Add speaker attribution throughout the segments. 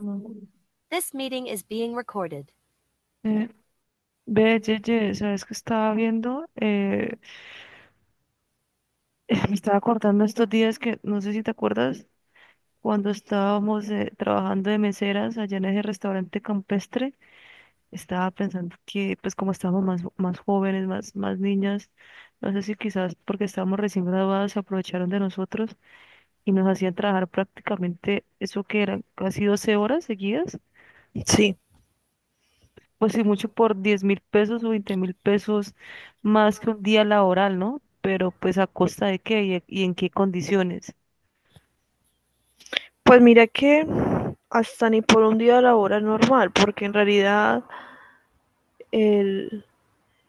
Speaker 1: Eh,
Speaker 2: This meeting is being recorded.
Speaker 1: ve, Yeye, ¿sabes qué estaba viendo? Me estaba acordando estos días que, no sé si te acuerdas, cuando estábamos trabajando de meseras allá en ese restaurante campestre. Estaba pensando que, pues como estábamos más jóvenes, más niñas, no sé si quizás porque estábamos recién graduadas se aprovecharon de nosotros y nos hacían trabajar prácticamente eso que eran casi 12 horas seguidas,
Speaker 2: Sí,
Speaker 1: pues sí, mucho por 10.000 pesos o 20.000 pesos, más que un día laboral, ¿no? Pero pues a costa de qué y en qué condiciones.
Speaker 2: pues mira que hasta ni por un día laboral normal, porque en realidad el,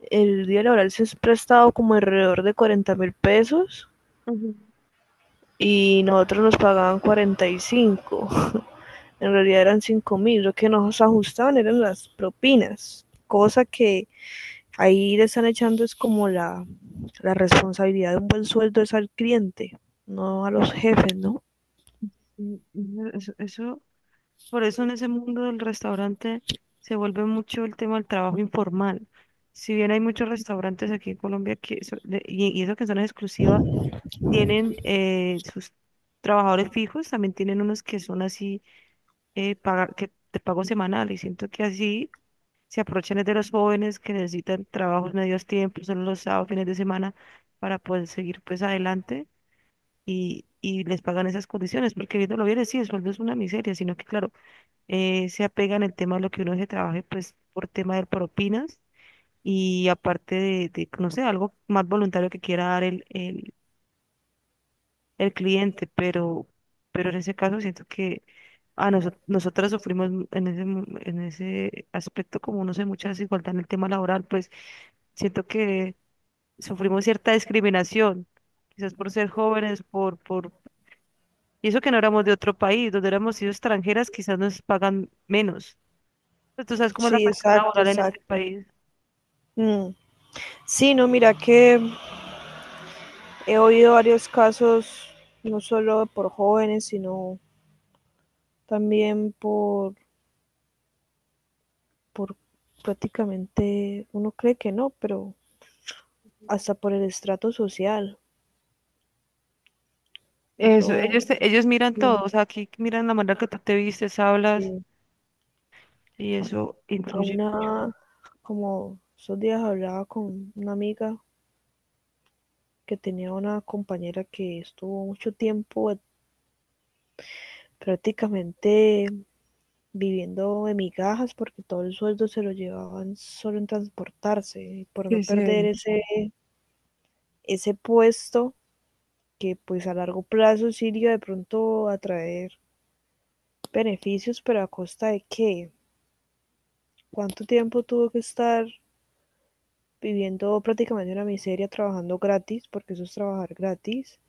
Speaker 2: el día laboral se es prestado como alrededor de $40.000
Speaker 1: Ujú,
Speaker 2: y nosotros nos pagaban 45. En realidad eran 5.000, lo que nos ajustaban eran las propinas, cosa que ahí le están echando es como la responsabilidad de un buen sueldo es al cliente, no a los jefes, ¿no?
Speaker 1: ujú, ujú. Por eso en ese mundo del restaurante se vuelve mucho el tema del trabajo informal. Si bien hay muchos restaurantes aquí en Colombia que y eso que son exclusivas, tienen sus trabajadores fijos, también tienen unos que son así, que te pago semanal, y siento que así se aprovechan es de los jóvenes que necesitan trabajos medios tiempos, solo los sábados, fines de semana, para poder seguir pues adelante, y les pagan esas condiciones, porque viéndolo bien, sí, el sueldo es una miseria, sino que claro, se apegan el tema de lo que uno se trabaje pues por tema de propinas y aparte no sé, algo más voluntario que quiera dar el cliente, pero en ese caso siento que nosotras sufrimos en ese aspecto, como no sé, mucha desigualdad en el tema laboral. Pues siento que sufrimos cierta discriminación, quizás por ser jóvenes, y eso que no éramos de otro país, donde éramos sido extranjeras, quizás nos pagan menos. Pero tú sabes cómo es la
Speaker 2: Sí,
Speaker 1: cuestión
Speaker 2: exacto,
Speaker 1: laboral en este
Speaker 2: exacto.
Speaker 1: país.
Speaker 2: Mm. Sí, no, mira que he oído varios casos, no solo por jóvenes, sino también por prácticamente, uno cree que no, pero hasta por el estrato social.
Speaker 1: Eso,
Speaker 2: Eso,
Speaker 1: ellos miran todo,
Speaker 2: mm,
Speaker 1: o sea, aquí miran la manera que tú te vistes, hablas,
Speaker 2: sí,
Speaker 1: y eso
Speaker 2: a
Speaker 1: incluye.
Speaker 2: una, como esos días hablaba con una amiga que tenía una compañera que estuvo mucho tiempo prácticamente viviendo de migajas porque todo el sueldo se lo llevaban solo en transportarse, y por no
Speaker 1: Sí,
Speaker 2: perder
Speaker 1: sí.
Speaker 2: ese puesto que pues a largo plazo sí iba de pronto a traer beneficios, pero ¿a costa de qué? ¿Cuánto tiempo tuvo que estar viviendo prácticamente una miseria, trabajando gratis, porque eso es trabajar gratis,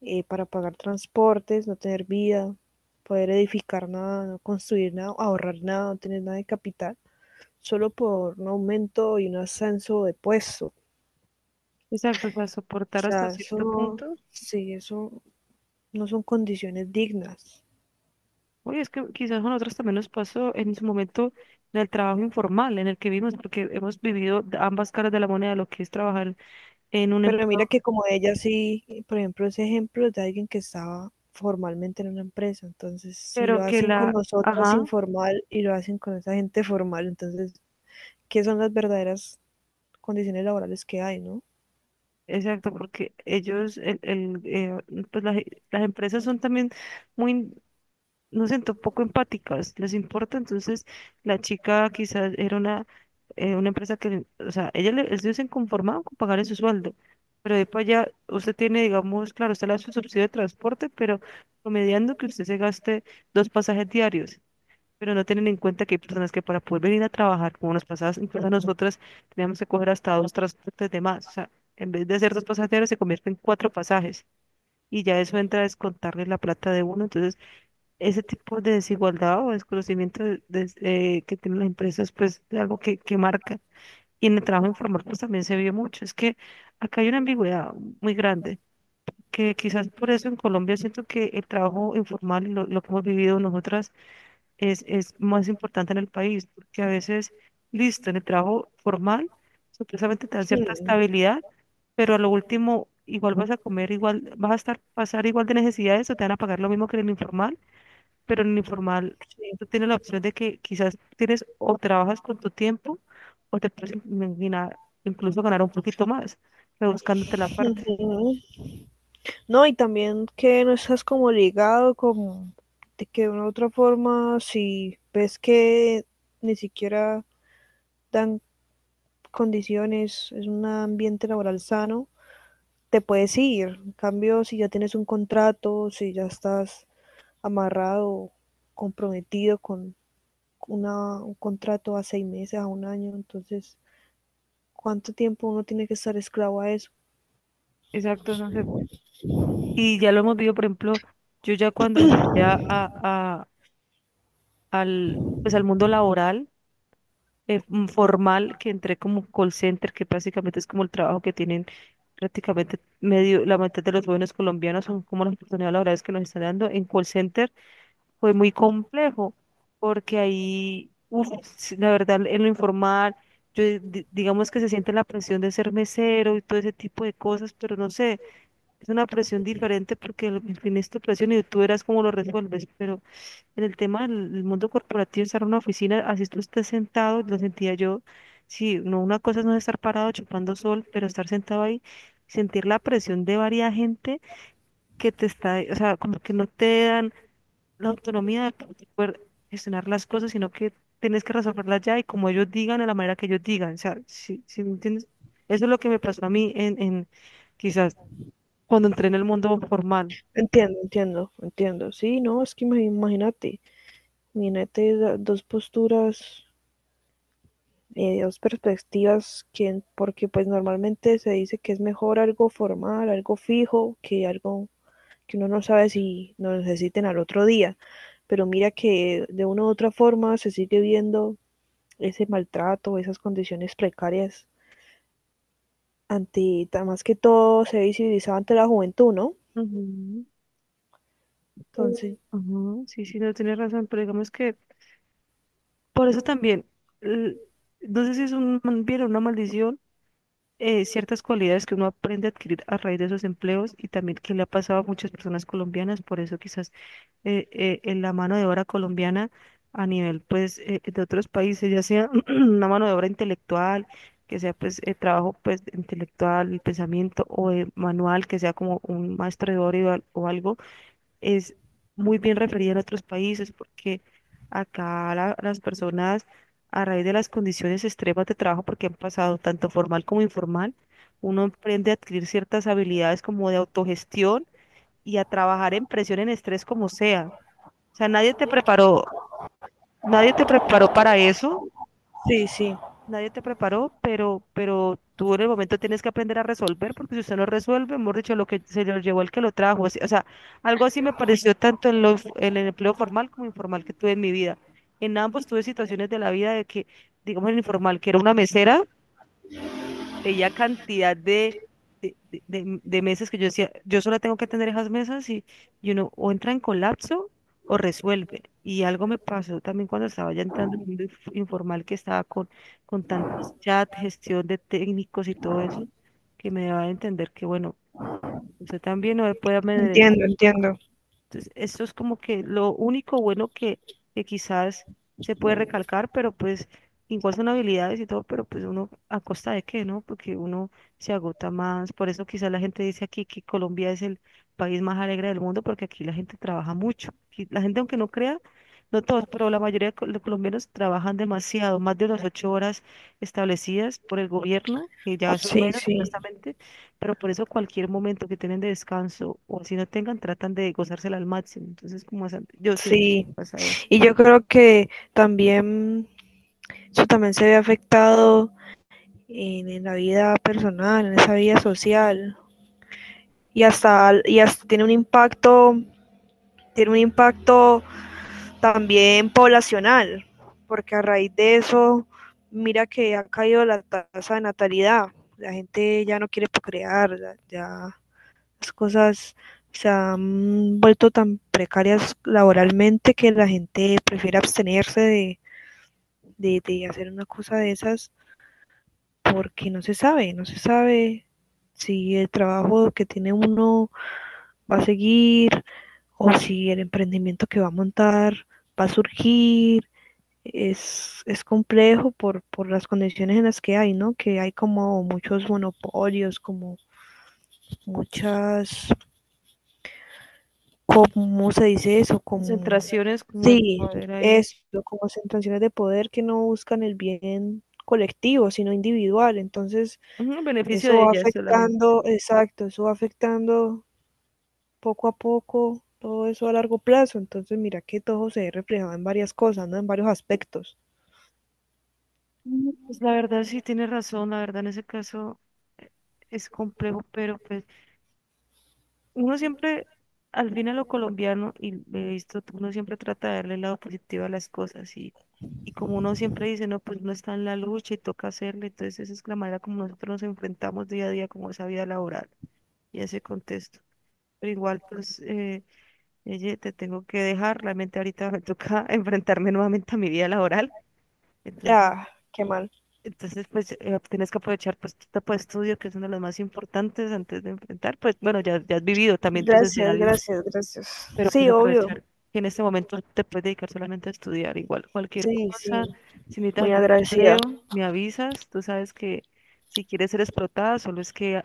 Speaker 2: para pagar transportes, no tener vida, poder edificar nada, no construir nada, ahorrar nada, no tener nada de capital, solo por un aumento y un ascenso de puesto? O
Speaker 1: Exacto, o sea, soportar hasta
Speaker 2: sea, eso
Speaker 1: cierto
Speaker 2: no,
Speaker 1: punto.
Speaker 2: sí, eso no son condiciones dignas.
Speaker 1: Oye, es que quizás a nosotros también nos pasó en su momento en el trabajo informal en el que vimos, porque hemos vivido de ambas caras de la moneda, lo que es trabajar en un
Speaker 2: Pero mira
Speaker 1: empleo,
Speaker 2: que como ella sí, por ejemplo, ese ejemplo es de alguien que estaba formalmente en una empresa. Entonces, si lo hacen con nosotras
Speaker 1: ajá,
Speaker 2: informal y lo hacen con esa gente formal, entonces, ¿qué son las verdaderas condiciones laborales que hay, no?
Speaker 1: exacto, porque pues las empresas son también muy nos sentó poco empáticas, les importa. Entonces la chica quizás era una empresa o sea, ellos se conformaban con pagarle su sueldo, pero de para allá usted tiene, digamos, claro, usted le da su subsidio de transporte, pero promediando que usted se gaste dos pasajes diarios, pero no tienen en cuenta que hay personas que para poder venir a trabajar, como nos pasaba, incluso nosotras teníamos que coger hasta dos transportes de más, o sea, en vez de hacer dos pasajes diarios se convierte en cuatro pasajes. Y ya eso entra a descontarle la plata de uno. Entonces ese tipo de desigualdad o desconocimiento que tienen las empresas, pues es algo que marca. Y en el trabajo informal, pues también se vio mucho. Es que acá hay una ambigüedad muy grande, que quizás por eso en Colombia siento que el trabajo informal, lo que hemos vivido nosotras, es más importante en el país, porque a veces, listo, en el trabajo formal, supuestamente te da cierta
Speaker 2: Sí.
Speaker 1: estabilidad, pero a lo último, igual vas a comer, igual vas a estar pasar igual de necesidades o te van a pagar lo mismo que en el informal, pero en el informal
Speaker 2: Sí.
Speaker 1: tú tienes la opción de que quizás tienes o trabajas con tu tiempo, o te puedes imaginar incluso ganar un poquito más, rebuscándote la parte.
Speaker 2: No, y también que no estás como ligado, como de que de una u otra forma, si ves que ni siquiera dan condiciones, es un ambiente laboral sano, te puedes ir. En cambio, si ya tienes un contrato, si ya estás amarrado, comprometido con un contrato a 6 meses, a un año, entonces, ¿cuánto tiempo uno tiene que estar esclavo a eso?
Speaker 1: Exacto, no sé. Y ya lo hemos visto, por ejemplo, yo ya cuando entré al, pues al mundo laboral, formal, que entré como call center, que básicamente es como el trabajo que tienen prácticamente medio, la mitad de los jóvenes colombianos, son como las oportunidades laborales que nos están dando en call center. Fue muy complejo, porque ahí, uf, sí, la verdad, en lo informal, yo digamos que se siente la presión de ser mesero y todo ese tipo de cosas, pero no sé, es una presión diferente porque en fin es tu presión y tú verás cómo lo resuelves, pero en el tema del mundo corporativo, estar en una oficina, así tú estés sentado, lo sentía yo, sí, no, una cosa es no estar parado chupando sol, pero estar sentado ahí, sentir la presión de varias gente que te está, o sea, como que no te dan la autonomía de poder gestionar las cosas, sino que tienes que resolverlas ya y como ellos digan, de la manera que ellos digan. O sea, si me entiendes, eso es lo que me pasó a mí en quizás cuando entré en el mundo formal.
Speaker 2: Entiendo, entiendo, entiendo. Sí, no, es que imagínate, imagínate dos posturas, dos perspectivas, que, porque pues normalmente se dice que es mejor algo formal, algo fijo, que algo que uno no sabe si lo necesiten al otro día. Pero mira que de una u otra forma se sigue viendo ese maltrato, esas condiciones precarias más que todo se visibilizaba ante la juventud, ¿no?
Speaker 1: Ujú.
Speaker 2: Entonces,
Speaker 1: Ujú, sí, sí, no tienes razón, pero digamos que por eso también, l- no sé si es un bien o una maldición, ciertas cualidades que uno aprende a adquirir a raíz de esos empleos, y también que le ha pasado a muchas personas colombianas, por eso quizás en la mano de obra colombiana a nivel pues de otros países, ya sea una mano de obra intelectual, que sea pues trabajo pues intelectual, el pensamiento, o manual, que sea como un maestro de obra o algo, es muy bien referida en otros países, porque acá las personas, a raíz de las condiciones extremas de trabajo porque han pasado tanto formal como informal, uno aprende a adquirir ciertas habilidades como de autogestión y a trabajar en presión, en estrés, como sea, nadie te preparó, nadie te preparó para eso,
Speaker 2: sí, sí,
Speaker 1: nadie te preparó, pero tú en el momento tienes que aprender a resolver, porque si usted no resuelve, mejor dicho, lo que se lo llevó el que lo trajo. O sea, algo así me pareció tanto en el empleo formal como informal que tuve en mi vida. En ambos tuve situaciones de la vida de que, digamos, en el informal, que era una mesera. Ella cantidad de mesas, que yo decía, yo solo tengo que atender esas mesas, y uno o entra en colapso o resuelve. Y algo me pasó también cuando estaba ya entrando en el mundo informal, que estaba con tantos chats, gestión de técnicos y todo eso, que me daba a entender que, bueno, usted también no puede.
Speaker 2: entiendo, entiendo.
Speaker 1: Entonces, esto es como que lo único bueno que quizás se puede recalcar, pero pues igual son habilidades y todo, pero pues uno a costa de qué, ¿no? Porque uno se agota más. Por eso quizás la gente dice aquí que Colombia es el país más alegre del mundo, porque aquí la gente trabaja mucho. Aquí la gente, aunque no crea, no todos, pero la mayoría de los colombianos trabajan demasiado, más de las 8 horas establecidas por el gobierno, que ya son
Speaker 2: Sí,
Speaker 1: menos
Speaker 2: sí,
Speaker 1: supuestamente, pero por eso cualquier momento que tienen de descanso, o así no tengan, tratan de gozársela al máximo. Entonces, yo siento,
Speaker 2: sí.
Speaker 1: vas a ver,
Speaker 2: Y yo creo que también eso también se ve afectado en, la vida personal, en esa vida social y hasta, tiene un impacto, tiene un impacto también poblacional, porque a raíz de eso, mira que ha caído la tasa de natalidad, la gente ya no quiere procrear, ya las cosas se han vuelto tan precarias laboralmente que la gente prefiere abstenerse de hacer una cosa de esas porque no se sabe, no se sabe si el trabajo que tiene uno va a seguir o si el emprendimiento que va a montar va a surgir. Es complejo por las condiciones en las que hay, ¿no? Que hay como muchos monopolios, como muchas, ¿cómo se dice eso? Como,
Speaker 1: concentraciones como de
Speaker 2: sí,
Speaker 1: poder ahí,
Speaker 2: esto, como sentencias de poder que no buscan el bien colectivo, sino individual. Entonces,
Speaker 1: ujú, en beneficio
Speaker 2: eso
Speaker 1: de
Speaker 2: va
Speaker 1: ellas solamente.
Speaker 2: afectando, exacto, eso va afectando poco a poco todo eso a largo plazo. Entonces, mira que todo se ve reflejado en varias cosas, ¿no? En varios aspectos.
Speaker 1: Mm, pues la verdad sí tiene razón, la verdad en ese caso eh, es complejo, pero pues uno siempre, al fin a lo colombiano, y he visto, uno siempre trata de darle el lado positivo a las cosas, y como uno siempre dice, no, pues uno está en la lucha y toca hacerle. Entonces esa es la manera como nosotros nos enfrentamos día a día como esa vida laboral y ese contexto. Pero igual, pues, Yeye, te tengo que dejar. Realmente ahorita me toca enfrentarme nuevamente a mi vida laboral. Entonces,
Speaker 2: Ya, qué mal.
Speaker 1: entonces, pues, tienes que aprovechar pues tu etapa de estudio, que es uno de los más importantes antes de enfrentar. Pues, bueno, ya has vivido también tus
Speaker 2: Gracias,
Speaker 1: escenarios,
Speaker 2: gracias, gracias.
Speaker 1: pero pues
Speaker 2: Sí, obvio.
Speaker 1: aprovechar que en este momento te puedes dedicar solamente a estudiar. Igual, cualquier
Speaker 2: Sí, sí,
Speaker 1: cosa, si necesitas
Speaker 2: muy
Speaker 1: algún
Speaker 2: agradecida.
Speaker 1: empleo, me avisas. Tú sabes que si quieres ser explotada, solo es que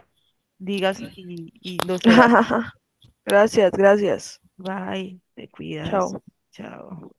Speaker 1: digas, y lo serás.
Speaker 2: Gracias, gracias.
Speaker 1: Bye, te cuidas.
Speaker 2: Chao.
Speaker 1: Chao.